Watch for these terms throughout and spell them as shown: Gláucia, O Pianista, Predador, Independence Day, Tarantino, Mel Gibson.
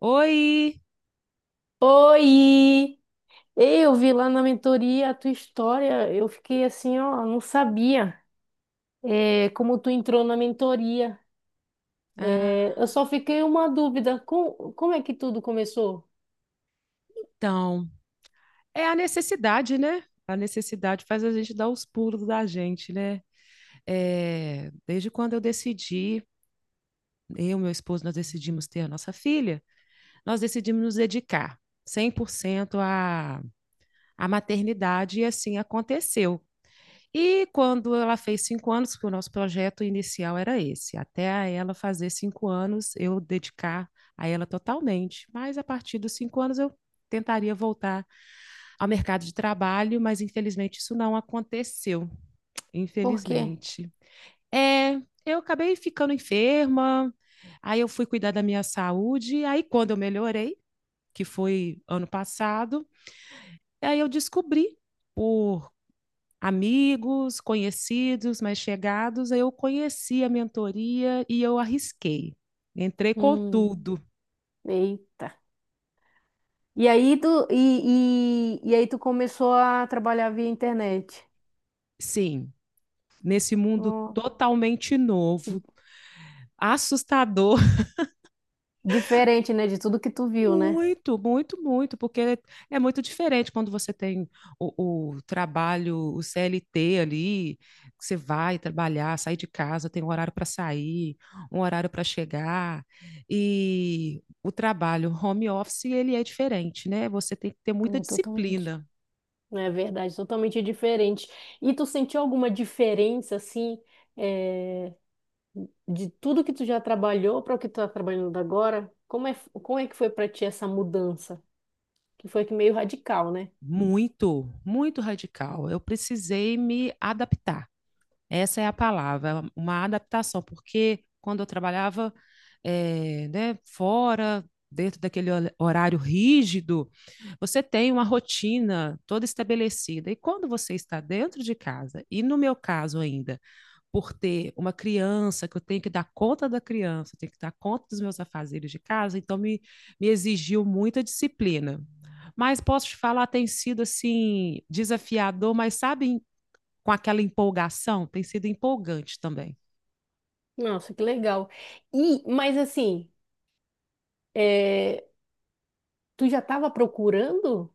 Oi! Oi! Ei, eu vi lá na mentoria a tua história, eu fiquei assim, ó, não sabia como tu entrou na mentoria. É, Ah, eu só fiquei uma dúvida, como é que tudo começou? então, é a necessidade, né? A necessidade faz a gente dar os pulos da gente, né? É, desde quando eu decidi, eu e meu esposo, nós decidimos ter a nossa filha, nós decidimos nos dedicar 100% à maternidade e assim aconteceu. E quando ela fez 5 anos, porque o nosso projeto inicial era esse, até a ela fazer 5 anos, eu dedicar a ela totalmente. Mas a partir dos 5 anos, eu tentaria voltar ao mercado de trabalho, mas infelizmente isso não aconteceu. Por quê? Infelizmente. É, eu acabei ficando enferma, aí eu fui cuidar da minha saúde, aí quando eu melhorei, que foi ano passado, aí eu descobri por amigos, conhecidos, mais chegados, aí eu conheci a mentoria e eu arrisquei. Entrei com Hum, tudo, eita. E aí tu começou a trabalhar via internet. sim, nesse mundo Ó, totalmente novo, assustador. diferente, né, de tudo que tu viu, né? Muito, muito, muito, porque é muito diferente quando você tem o trabalho, o CLT ali, que você vai trabalhar, sair de casa, tem um horário para sair, um horário para chegar, e o trabalho home office, ele é diferente, né? Você tem que ter muita É, totalmente. disciplina, É verdade, totalmente diferente. E tu sentiu alguma diferença, assim, é, de tudo que tu já trabalhou para o que tu tá trabalhando agora? Como é que foi para ti essa mudança? Que foi que meio radical, né? muito, muito radical. Eu precisei me adaptar. Essa é a palavra, uma adaptação, porque quando eu trabalhava né, fora, dentro daquele horário rígido, você tem uma rotina toda estabelecida. E quando você está dentro de casa, e no meu caso ainda, por ter uma criança, que eu tenho que dar conta da criança, tenho que dar conta dos meus afazeres de casa, então me exigiu muita disciplina. Mas posso te falar, tem sido assim desafiador, mas sabe, com aquela empolgação, tem sido empolgante também. Nossa, que legal. E, mas assim, é, tu já estava procurando?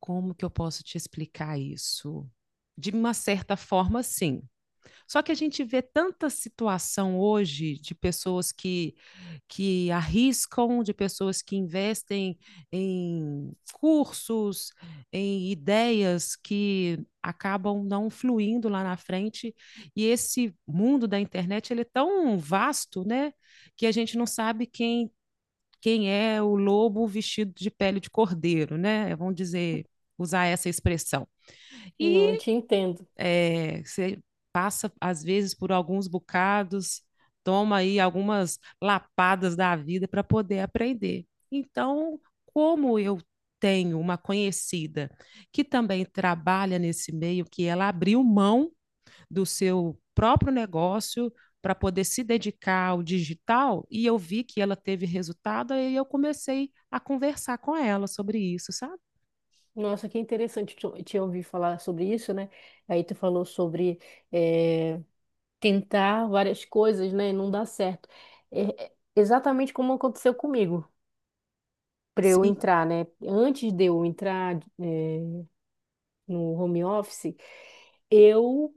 Como que eu posso te explicar isso? De uma certa forma, sim. Só que a gente vê tanta situação hoje de pessoas que arriscam, de pessoas que investem em cursos, em ideias que acabam não fluindo lá na frente. E esse mundo da internet ele é tão vasto, né, que a gente não sabe quem é o lobo vestido de pele de cordeiro, né? Vamos dizer, usar essa expressão. Não, eu E te entendo. é, você passa, às vezes, por alguns bocados, toma aí algumas lapadas da vida para poder aprender. Então, como eu tenho uma conhecida que também trabalha nesse meio, que ela abriu mão do seu próprio negócio para poder se dedicar ao digital e eu vi que ela teve resultado e eu comecei a conversar com ela sobre isso, sabe? Nossa, que interessante te ouvir falar sobre isso, né? Aí tu falou sobre eh, tentar várias coisas, né? Não dá certo. É exatamente como aconteceu comigo, para eu Sim, entrar, né? Antes de eu entrar, é, no home office, eu,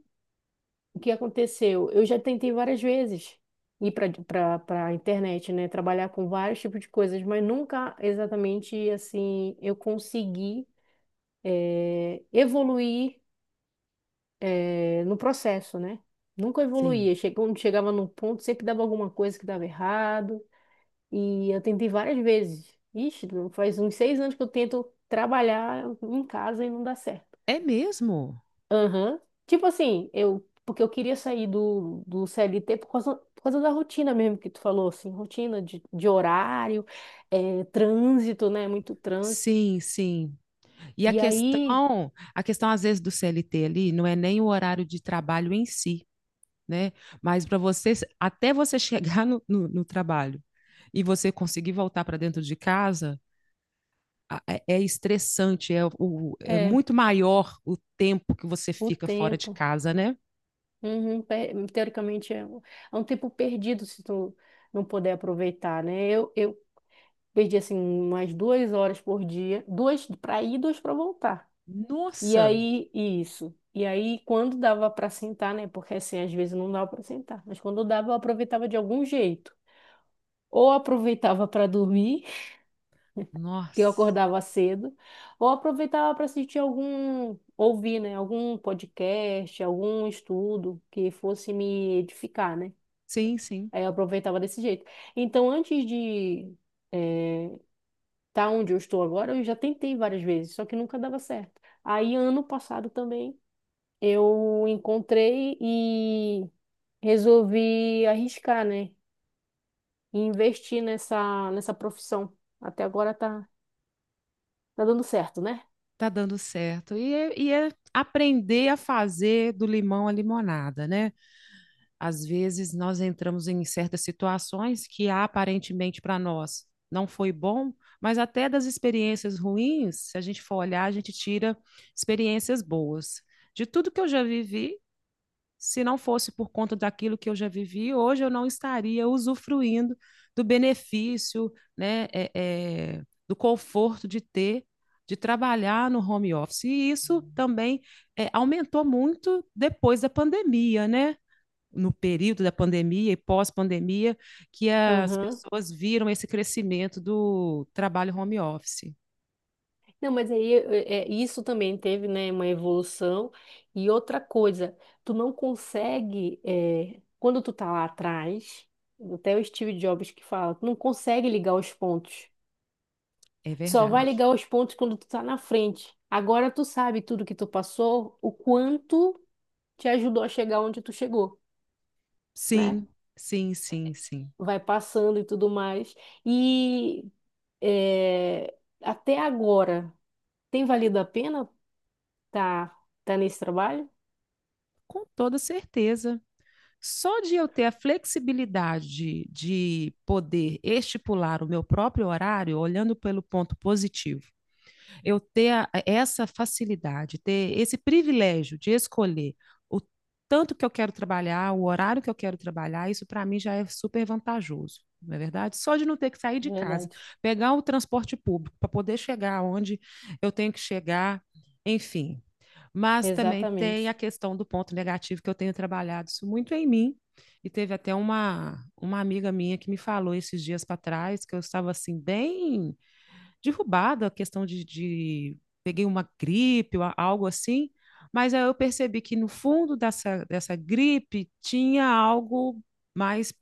o que aconteceu? Eu já tentei várias vezes ir para internet, né? Trabalhar com vários tipos de coisas, mas nunca exatamente assim eu consegui evoluir no processo, né? Nunca sim. evoluía. Quando chegava num ponto, sempre dava alguma coisa que dava errado. E eu tentei várias vezes. Ixi, faz uns seis anos que eu tento trabalhar em casa e não dá certo. É mesmo? Aham. Tipo assim, eu. Porque eu queria sair do CLT por causa da rotina mesmo que tu falou, assim, rotina de horário, trânsito, né? Muito trânsito. Sim, sim. E E aí, a questão às vezes do CLT ali não é nem o horário de trabalho em si, né? Mas para você, até você chegar no trabalho e você conseguir voltar para dentro de casa, é, é estressante, é, o, é é, muito maior o tempo que você o fica fora de tempo. casa, né? Uhum, teoricamente, é um tempo perdido se tu não puder aproveitar, né? Eu perdi assim umas duas horas por dia, duas para ir, duas para voltar. E Nossa, aí, isso. E aí, quando dava para sentar, né? Porque assim, às vezes não dava para sentar, mas quando dava, eu aproveitava de algum jeito. Ou aproveitava para dormir, que eu nossa. acordava cedo, ou aproveitava para assistir algum, ouvir, né? Algum podcast, algum estudo que fosse me edificar, né? Sim, sim, Aí eu aproveitava desse jeito. Então, eh, tá onde eu estou agora, eu já tentei várias vezes, só que nunca dava certo. Aí, ano passado também, eu encontrei e resolvi arriscar, né? E investir nessa profissão. Até agora tá dando certo, né? tá dando certo. E é aprender a fazer do limão a limonada, né? Às vezes nós entramos em certas situações que aparentemente para nós não foi bom, mas até das experiências ruins, se a gente for olhar, a gente tira experiências boas. De tudo que eu já vivi, se não fosse por conta daquilo que eu já vivi, hoje eu não estaria usufruindo do benefício, né, é, é, do conforto de ter, de trabalhar no home office. E isso também é, aumentou muito depois da pandemia, né? No período da pandemia e pós-pandemia que as Aham. pessoas viram esse crescimento do trabalho home office. Não, mas aí é, isso também teve, né, uma evolução. E outra coisa, tu não consegue, é, quando tu tá lá atrás, até o Steve Jobs que fala, tu não consegue ligar os pontos. É Só vai verdade. ligar os pontos quando tu tá na frente. Agora tu sabe tudo que tu passou, o quanto te ajudou a chegar onde tu chegou, né? Sim, sim, sim, sim. Vai passando e tudo mais. E é, até agora, tem valido a pena tá, tá nesse trabalho? Com toda certeza. Só de eu ter a flexibilidade de poder estipular o meu próprio horário, olhando pelo ponto positivo, eu ter essa facilidade, ter esse privilégio de escolher o tanto que eu quero trabalhar, o horário que eu quero trabalhar, isso para mim já é super vantajoso. Não é verdade? Só de não ter que sair de casa, Verdade. pegar o transporte público para poder chegar onde eu tenho que chegar, enfim, mas também tem a Exatamente. questão do ponto negativo que eu tenho trabalhado isso muito em mim. E teve até uma amiga minha que me falou esses dias para trás que eu estava assim, bem derrubada, a questão de peguei uma gripe, ou algo assim. Mas aí eu percebi que no fundo dessa gripe tinha algo mais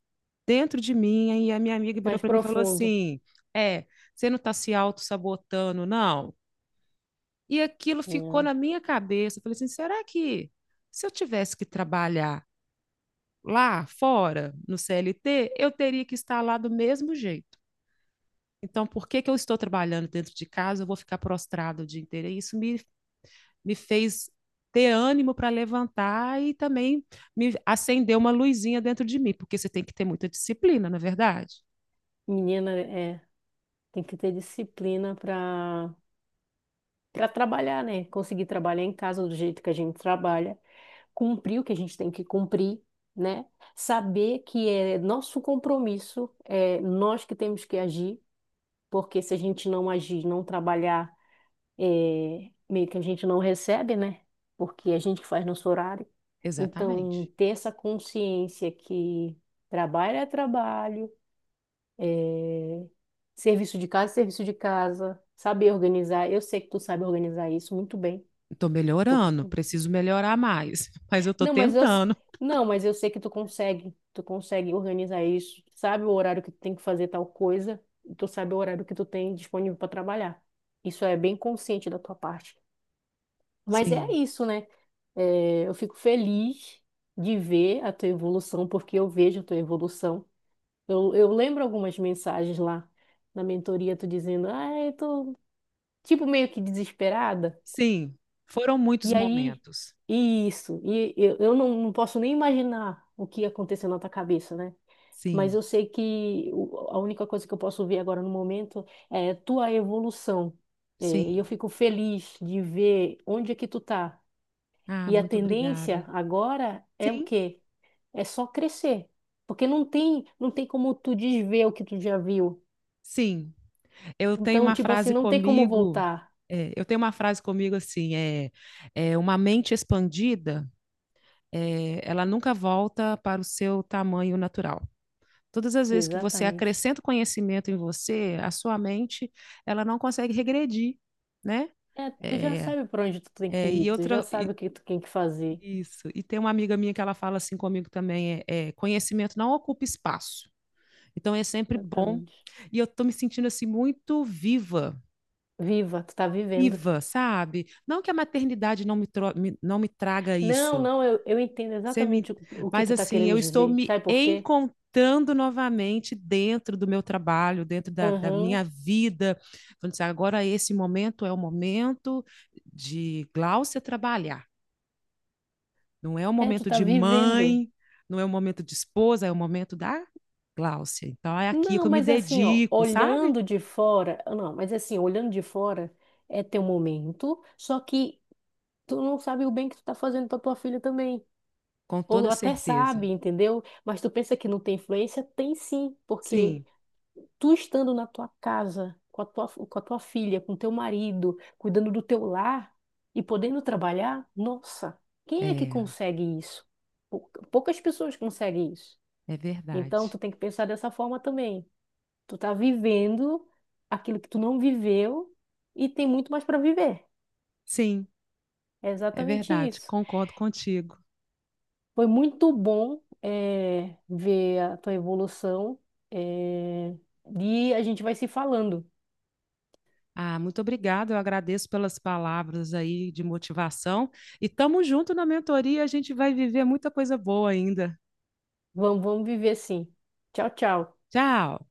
dentro de mim. E a minha amiga virou Mais para mim e falou profundo. assim: é, você não está se auto-sabotando, não? E aquilo ficou Hum. na minha cabeça. Eu falei assim: será que se eu tivesse que trabalhar lá fora, no CLT, eu teria que estar lá do mesmo jeito? Então, por que que eu estou trabalhando dentro de casa? Eu vou ficar prostrado o dia inteiro. E isso me fez ter ânimo para levantar e também me acendeu uma luzinha dentro de mim, porque você tem que ter muita disciplina, não é verdade? Menina, é, tem que ter disciplina para trabalhar, né? Conseguir trabalhar em casa do jeito que a gente trabalha. Cumprir o que a gente tem que cumprir, né? Saber que é nosso compromisso, é nós que temos que agir, porque se a gente não agir, não trabalhar, é, meio que a gente não recebe, né? Porque é a gente que faz nosso horário. Então, Exatamente. ter essa consciência que trabalho, é, serviço de casa é serviço de casa, saber organizar. Eu sei que tu sabe organizar isso muito bem. Estou Tu melhorando, preciso melhorar mais, mas eu estou Não, mas eu, s- tentando. não, mas eu sei que tu consegue. Tu consegue organizar isso. Tu sabe o horário que tu tem que fazer tal coisa. E tu sabe o horário que tu tem disponível para trabalhar. Isso é bem consciente da tua parte. Mas é Sim. isso, né? É, eu fico feliz de ver a tua evolução, porque eu vejo a tua evolução. Eu lembro algumas mensagens lá na mentoria, tu dizendo, ah, eu tô tipo meio que desesperada. Sim, foram muitos E aí, momentos. e isso, e eu não, não posso nem imaginar o que aconteceu na tua cabeça, né? Mas Sim, eu sei que a única coisa que eu posso ver agora no momento é tua evolução. É, e eu sim. fico feliz de ver onde é que tu tá. Ah, E a muito tendência obrigada. agora é o Sim, quê? É só crescer. Porque não tem como tu desver o que tu já viu. sim. Eu tenho Então, uma tipo assim, frase não tem como comigo, voltar. é, eu tenho uma frase comigo assim, é, é uma mente expandida, é, ela nunca volta para o seu tamanho natural. Todas as vezes que você Exatamente. acrescenta conhecimento em você, a sua mente, ela não consegue regredir, né? É, tu já É, sabe para onde tu tem que é, ir, e tu já outra, sabe o que tu tem que fazer. isso. E tem uma amiga minha que ela fala assim comigo também, é, é, conhecimento não ocupa espaço. Então é sempre bom. Exatamente. E eu tô me sentindo assim muito viva, Viva, tu tá vivendo. viva, sabe? Não que a maternidade não me, não me traga Não, isso. não, eu, eu entendo Você me... exatamente o que Mas tu tá assim, querendo eu estou dizer. me Sabe por quê? encontrando novamente dentro do meu trabalho, dentro da Aham. minha vida. Falando assim, agora esse momento é o momento de Gláucia trabalhar. Não é o É, tu momento tá de vivendo. mãe, não é o momento de esposa, é o momento da Gláucia. Então é aqui Não, que eu me mas assim, ó, dedico, sabe? olhando de fora, não, mas assim, olhando de fora é teu momento, só que tu não sabe o bem que tu tá fazendo pra tua filha também. Com toda Ou até certeza. sabe, entendeu? Mas tu pensa que não tem influência? Tem sim, porque Sim, tu estando na tua casa, com a tua filha, com teu marido, cuidando do teu lar e podendo trabalhar, nossa, quem é que é, consegue isso? Poucas pessoas conseguem isso. é Então, verdade. tu tem que pensar dessa forma também. Tu tá vivendo aquilo que tu não viveu e tem muito mais para viver. Sim, É é exatamente verdade. isso. Concordo contigo. Foi muito bom, ver a tua evolução, eh, e a gente vai se falando. Ah, muito obrigada. Eu agradeço pelas palavras aí de motivação. E tamo junto na mentoria, a gente vai viver muita coisa boa ainda. Vamos, vamos viver assim. Tchau, tchau. Tchau.